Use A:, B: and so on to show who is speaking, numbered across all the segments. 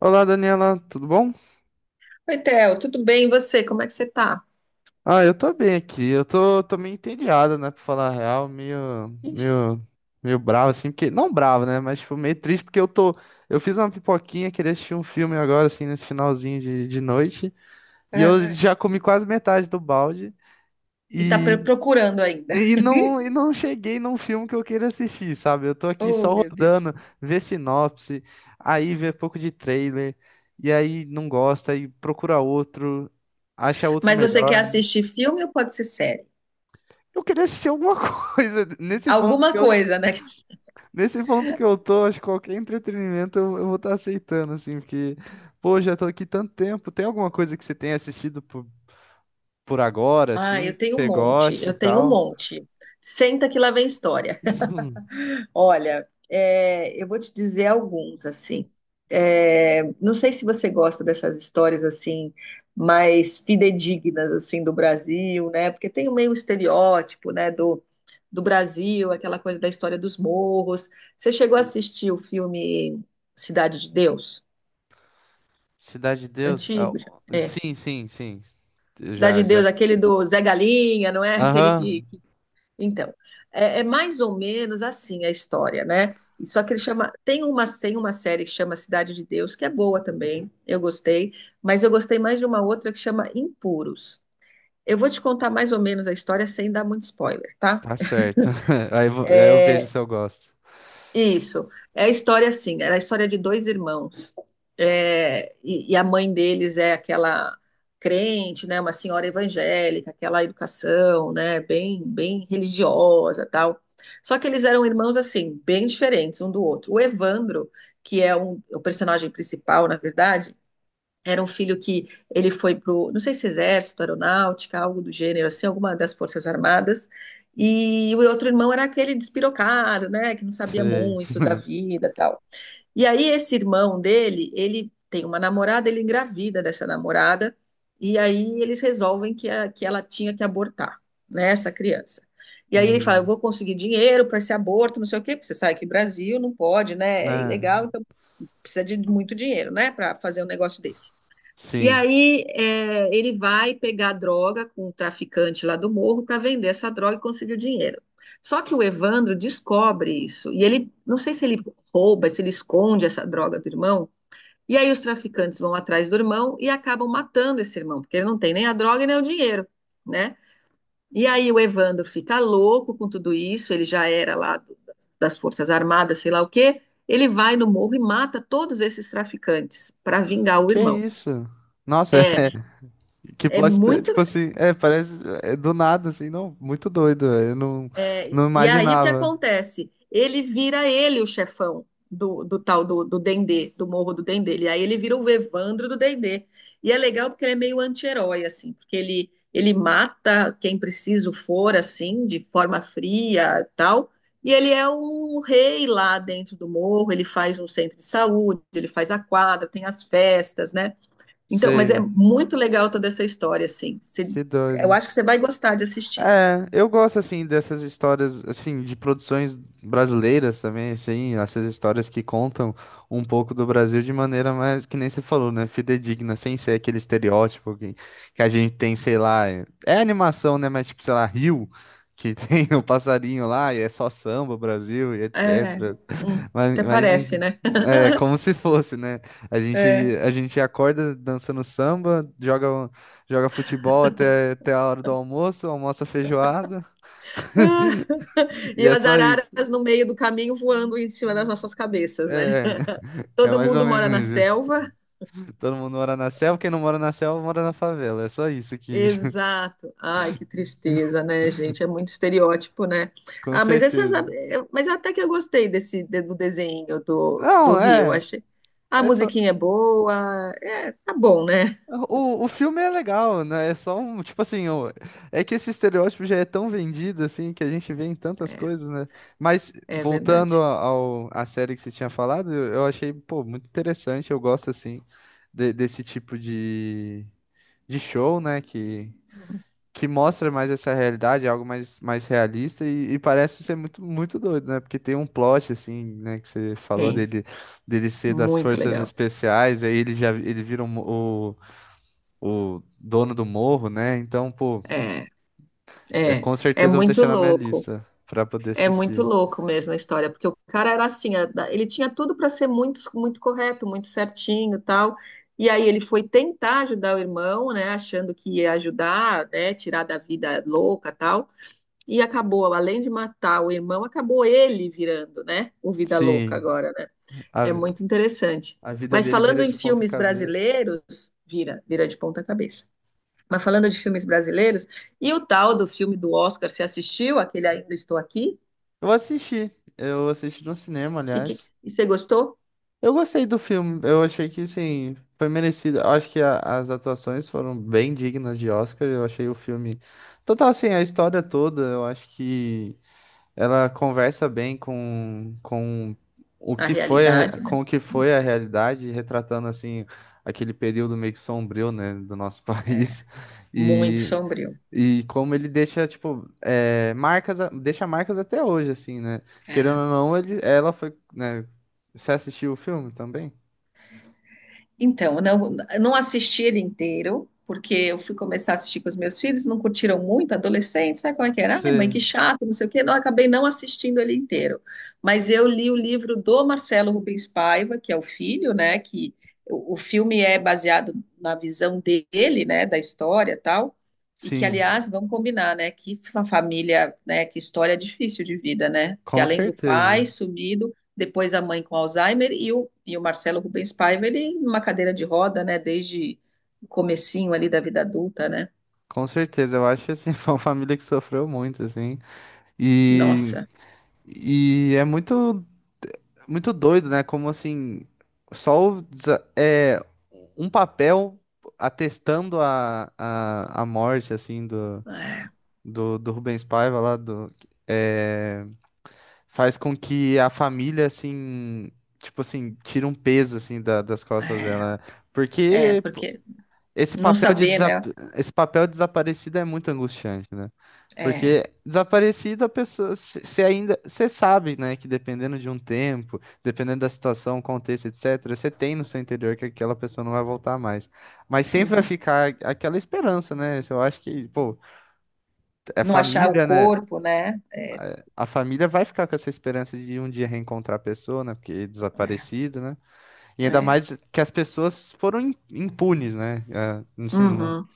A: Olá, Daniela, tudo bom?
B: Oi, Theo, tudo bem? E você? Como é que você tá?
A: Ah, eu tô bem aqui. Eu tô meio entediado, né, pra falar a real,
B: Ixi,
A: meio, meio bravo, assim, porque, não bravo, né, mas, tipo, meio triste, porque eu fiz uma pipoquinha, queria assistir um filme agora, assim, nesse finalzinho de noite, e eu,
B: é.
A: é, já comi quase metade do balde,
B: E tá
A: e,
B: procurando ainda.
A: e não, e não cheguei num filme que eu queira assistir, sabe? Eu tô aqui
B: Oh,
A: só
B: meu Deus.
A: rodando, ver sinopse, aí ver pouco de trailer, e aí não gosta, aí procura outro, acha outro
B: Mas você quer
A: melhor.
B: assistir filme ou pode ser série?
A: Eu queria assistir alguma coisa. Nesse ponto
B: Alguma
A: que eu,
B: coisa, né?
A: nesse ponto que eu tô, acho que qualquer entretenimento eu vou estar aceitando, assim, porque, pô, já tô aqui tanto tempo. Tem alguma coisa que você tenha assistido por agora,
B: Ah,
A: assim,
B: eu
A: que
B: tenho um
A: você
B: monte,
A: goste e
B: eu tenho um
A: tal?
B: monte. Senta que lá vem história. Olha, eu vou te dizer alguns, assim. É, não sei se você gosta dessas histórias, assim, mais fidedignas, assim, do Brasil, né? Porque tem o meio um estereótipo, né, do Brasil, aquela coisa da história dos morros. Você chegou a assistir o filme Cidade de Deus?
A: Cidade de Deus? Ah,
B: Antigo, já. É.
A: sim, sim, sim. Eu
B: Cidade
A: já,
B: de
A: já.
B: Deus, aquele do Zé Galinha, não é? Aquele que,
A: Aham,
B: então, é mais ou menos assim a história, né? E só que ele chama. Tem uma série que chama Cidade de Deus, que é boa também, eu gostei, mas eu gostei mais de uma outra que chama Impuros. Eu vou te contar mais ou menos a história sem dar muito spoiler, tá?
A: tá certo. Aí, aí eu vejo
B: É,
A: se eu gosto.
B: isso. Era a história de dois irmãos. E a mãe deles é aquela crente, né, uma senhora evangélica, aquela educação, né, bem, bem religiosa, tal. Só que eles eram irmãos assim, bem diferentes um do outro. O Evandro, que é o personagem principal, na verdade, era um filho que ele foi pro, não sei se exército, aeronáutica, algo do gênero, assim, alguma das forças armadas. E o outro irmão era aquele despirocado, né, que não sabia
A: Sei.
B: muito da vida, tal. E aí esse irmão dele, ele tem uma namorada, ele engravida dessa namorada, e aí eles resolvem que, que ela tinha que abortar, né, essa criança. E aí ele fala, eu
A: Hum,
B: vou conseguir dinheiro para esse aborto, não sei o quê, porque você sabe que Brasil não pode, né, é
A: né?
B: ilegal, então precisa de muito dinheiro, né, para fazer um negócio desse. E
A: Sim.
B: aí ele vai pegar droga com o traficante lá do morro para vender essa droga e conseguir o dinheiro. Só que o Evandro descobre isso e ele, não sei se ele rouba, se ele esconde essa droga do irmão. E aí os traficantes vão atrás do irmão e acabam matando esse irmão, porque ele não tem nem a droga e nem o dinheiro, né? E aí o Evandro fica louco com tudo isso, ele já era lá das Forças Armadas, sei lá o quê. Ele vai no morro e mata todos esses traficantes para vingar o
A: Que
B: irmão.
A: isso? Nossa.
B: É,
A: Que
B: é
A: plot,
B: muito
A: tipo assim, parece do nada, assim, não, muito doido, velho, eu não,
B: É,
A: não
B: e aí o que
A: imaginava.
B: acontece? Ele vira ele o chefão do tal do Dendê, do Morro do Dendê. E aí ele vira o Evandro do Dendê. E é legal porque ele é meio anti-herói, assim, porque ele mata quem preciso for, assim, de forma fria tal. E ele é um rei lá dentro do morro, ele faz um centro de saúde, ele faz a quadra, tem as festas, né? Então, mas é
A: Sei,
B: muito legal toda essa história, assim.
A: que
B: Eu
A: doido.
B: acho que você vai gostar de assistir.
A: É, eu gosto, assim, dessas histórias, assim, de produções brasileiras também, assim, essas histórias que contam um pouco do Brasil de maneira mais, que nem você falou, né, fidedigna, sem ser aquele estereótipo que a gente tem, sei lá, é animação, né, mas tipo, sei lá, Rio, que tem o passarinho lá e é só samba, Brasil e
B: É,
A: etc.
B: hum,
A: Mas,
B: até
A: mas
B: parece,
A: enfim,
B: né?
A: é como se fosse, né? A gente,
B: É.
A: a gente acorda dançando samba, joga futebol até a hora do almoço, almoça feijoada,
B: Ah,
A: e
B: e
A: é
B: as
A: só isso.
B: araras no meio do caminho voando em cima das nossas cabeças, né?
A: É, é
B: Todo
A: mais ou
B: mundo
A: menos
B: mora na
A: isso.
B: selva.
A: Todo mundo mora na selva, quem não mora na selva mora na favela. É só isso aqui.
B: Exato. Ai, que tristeza, né, gente? É muito estereótipo, né?
A: Com
B: Ah, mas essas,
A: certeza.
B: mas até que eu gostei desse do desenho do
A: Não,
B: Rio.
A: é.
B: Achei. A
A: É só.
B: musiquinha é boa. É, tá bom, né?
A: O filme é legal, né? É só um, tipo assim, é que esse estereótipo já é tão vendido, assim, que a gente vê em tantas coisas, né? Mas
B: É
A: voltando
B: verdade.
A: à série que você tinha falado, eu achei, pô, muito interessante, eu gosto, assim, desse tipo de show, né? Que mostra mais essa realidade, algo mais, mais realista e parece ser muito, muito doido, né? Porque tem um plot, assim, né, que você falou
B: Tem.
A: dele ser das
B: Muito
A: forças
B: legal.
A: especiais, aí ele já, ele vira o dono do morro, né? Então, pô,
B: É, é,
A: com
B: é
A: certeza eu vou
B: muito
A: deixar na minha
B: louco.
A: lista pra poder
B: É muito
A: assistir.
B: louco mesmo a história, porque o cara era assim, ele tinha tudo para ser muito, muito correto, muito certinho, e tal. E aí ele foi tentar ajudar o irmão, né, achando que ia ajudar, né, tirar da vida louca, tal. E acabou, além de matar o irmão, acabou ele virando, né, o vida louca
A: Sim,
B: agora, né?
A: a,
B: É
A: vi-
B: muito interessante.
A: a vida
B: Mas
A: dele
B: falando
A: vira
B: em
A: de ponta
B: filmes
A: cabeça.
B: brasileiros, vira, vira de ponta cabeça. Mas falando de filmes brasileiros, e o tal do filme do Oscar, você assistiu aquele Ainda Estou Aqui?
A: Eu assisti. Eu assisti no cinema,
B: E, que,
A: aliás.
B: e você gostou?
A: Eu gostei do filme, eu achei que, sim, foi merecido. Eu acho que as atuações foram bem dignas de Oscar, eu achei o filme. Total, assim, a história toda, eu acho que ela conversa bem com o
B: A
A: que foi
B: realidade, né?
A: com o que foi a realidade, retratando assim aquele período meio que sombrio, né, do nosso
B: É,
A: país.
B: muito
A: E,
B: sombrio.
A: e como ele deixa, tipo, marcas, deixa marcas até hoje, assim, né? Querendo
B: É.
A: ou não, ela foi, né? Você assistiu o filme também?
B: Então, eu não assisti ele inteiro, porque eu fui começar a assistir com os meus filhos, não curtiram muito, adolescentes, sabe como é que era? Ai, mãe,
A: Você,
B: que chato, não sei o quê. Não, eu acabei não assistindo ele inteiro. Mas eu li o livro do Marcelo Rubens Paiva, que é o filho, né? Que o filme é baseado na visão dele, né? Da história e tal. E que,
A: sim,
B: aliás, vamos combinar, né? Que família, né? Que história difícil de vida, né? Porque
A: com
B: além do pai
A: certeza.
B: sumido, depois a mãe com Alzheimer e o Marcelo Rubens Paiva, ele numa cadeira de roda, né, desde o comecinho ali da vida adulta, né?
A: Com certeza, eu acho assim, foi uma família que sofreu muito, assim. E,
B: Nossa,
A: e é muito. Muito doido, né? Como assim, só o um papel atestando a morte, assim, do,
B: é,
A: do, do Rubens Paiva lá, é, faz com que a família, assim, tipo assim, tire um peso, assim, das costas
B: é,
A: dela. Porque
B: porque
A: esse
B: não
A: papel de
B: saber, né?
A: desap... esse papel de desaparecida é muito angustiante, né?
B: É,
A: Porque desaparecida a pessoa, você sabe, né, que dependendo de um tempo, dependendo da situação, contexto, etc, você tem no seu interior que aquela pessoa não vai voltar mais. Mas sempre vai
B: uhum.
A: ficar aquela esperança, né? Eu acho que, pô, é
B: Não achar o
A: família, né?
B: corpo, né? É,
A: A família vai ficar com essa esperança de um dia reencontrar a pessoa, né? Porque é
B: é,
A: desaparecido, né? E ainda
B: é.
A: mais que as pessoas foram impunes, né? É, assim, não,
B: Uhum.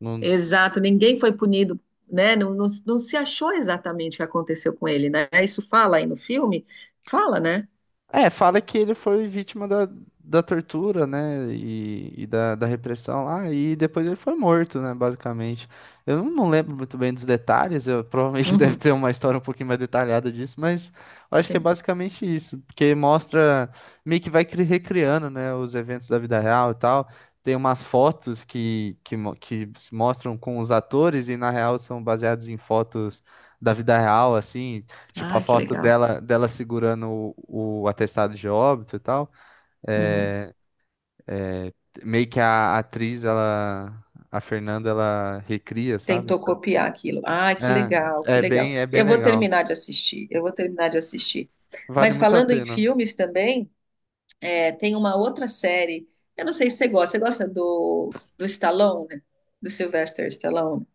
A: não.
B: Exato, ninguém foi punido, né? Não, não, não se achou exatamente o que aconteceu com ele, né? Isso fala aí no filme? Fala, né?
A: É, fala que ele foi vítima da tortura, né? E da repressão lá, e depois ele foi morto, né? Basicamente. Eu não lembro muito bem dos detalhes, eu, provavelmente deve
B: Uhum.
A: ter uma história um pouquinho mais detalhada disso, mas eu acho que é
B: Sim.
A: basicamente isso, porque mostra meio que vai recriando, né? Os eventos da vida real e tal. Tem umas fotos que se mostram com os atores, e na real são baseados em fotos da vida real, assim. Tipo, a
B: Ah, que
A: foto
B: legal.
A: dela segurando o atestado de óbito e tal.
B: Uhum.
A: É, é, meio que a atriz, ela, a Fernanda, ela recria, sabe?
B: Tentou copiar aquilo. Ah, que legal,
A: É,
B: que
A: é
B: legal.
A: bem, é bem
B: Eu vou
A: legal.
B: terminar de assistir, eu vou terminar de assistir.
A: Vale
B: Mas
A: muito a
B: falando em
A: pena.
B: filmes também, tem uma outra série. Eu não sei se você gosta. Você gosta do Stallone? Do Sylvester Stallone?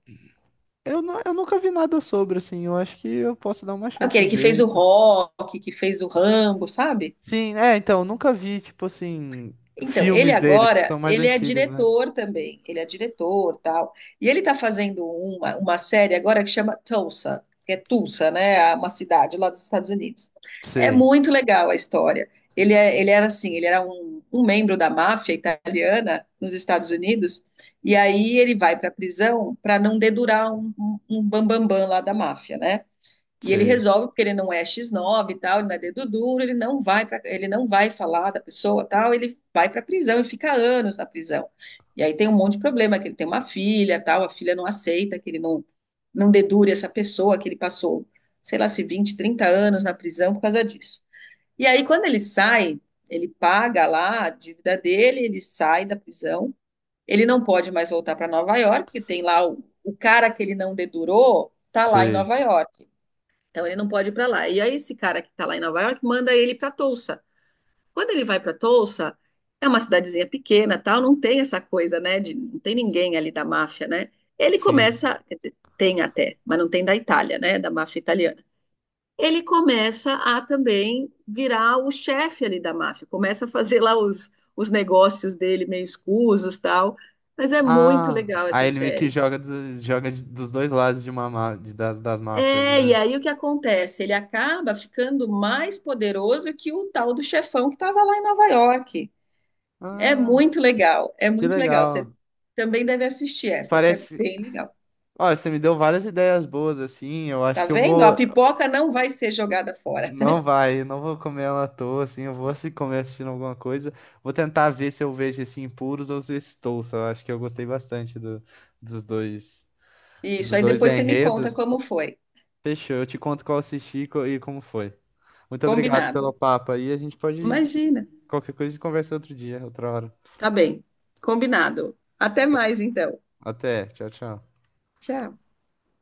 A: Eu nunca vi nada sobre, assim. Eu acho que eu posso dar uma chance e
B: Aquele que
A: ver
B: fez
A: e
B: o
A: tal.
B: Rock, que fez o Rambo, sabe?
A: Sim, é, então, eu nunca vi, tipo assim,
B: Então, ele
A: filmes dele, porque
B: agora,
A: são mais
B: ele é
A: antigos, né?
B: diretor também, ele é diretor, tal. E ele está fazendo uma série agora que chama Tulsa, que é Tulsa, né? É uma cidade lá dos Estados Unidos. É
A: Sei,
B: muito legal a história. Ele era assim, ele era um membro da máfia italiana nos Estados Unidos, e aí ele vai para a prisão para não dedurar um bambambam lá da máfia, né? E ele
A: sei,
B: resolve, porque ele não é X9 e tal, ele não é dedo duro, ele não vai falar da pessoa tal, ele vai para a prisão e fica anos na prisão. E aí tem um monte de problema, que ele tem uma filha tal, a filha não aceita que ele não dedure essa pessoa, que ele passou, sei lá, se 20, 30 anos na prisão por causa disso. E aí quando ele sai, ele paga lá a dívida dele, ele sai da prisão, ele não pode mais voltar para Nova York, porque tem lá o cara que ele não dedurou, tá lá em
A: sei.
B: Nova York. Então ele não pode ir para lá. E aí esse cara que tá lá em Nova York manda ele para Tulsa. Quando ele vai para Tulsa, é uma cidadezinha pequena, tal, não tem essa coisa, né, de não tem ninguém ali da máfia, né? Ele
A: Sim.
B: começa, quer dizer, tem até, mas não tem da Itália, né, da máfia italiana. Ele começa a também virar o chefe ali da máfia, começa a fazer lá os negócios dele meio escusos, tal. Mas é muito
A: Ah,
B: legal
A: aí
B: essa
A: ele meio que
B: série.
A: joga dos dois lados de uma, má- de- das máfias,
B: É,
A: né?
B: e aí o que acontece? Ele acaba ficando mais poderoso que o tal do chefão que estava lá em Nova York. É
A: Ah,
B: muito legal, é
A: que
B: muito legal. Você
A: legal.
B: também deve assistir essa, essa é
A: Parece.
B: bem legal.
A: Olha, você me deu várias ideias boas, assim. Eu acho
B: Tá
A: que eu
B: vendo? A
A: vou.
B: pipoca não vai ser jogada fora.
A: Não vai, eu não vou comer ela à toa, assim. Eu vou se comer assistindo alguma coisa. Vou tentar ver se eu vejo esse Impuros ou se esse Tulsa. Eu acho que eu gostei bastante dos dois,
B: Isso,
A: dos
B: aí
A: dois
B: depois você me conta
A: enredos.
B: como foi.
A: Fechou, eu te conto qual eu assisti e como foi. Muito obrigado
B: Combinado.
A: pelo papo aí. A gente pode
B: Imagina.
A: Qualquer coisa a gente conversa outro dia, outra hora.
B: Tá bem, combinado. Até mais então.
A: Até. Tchau, tchau.
B: Tchau.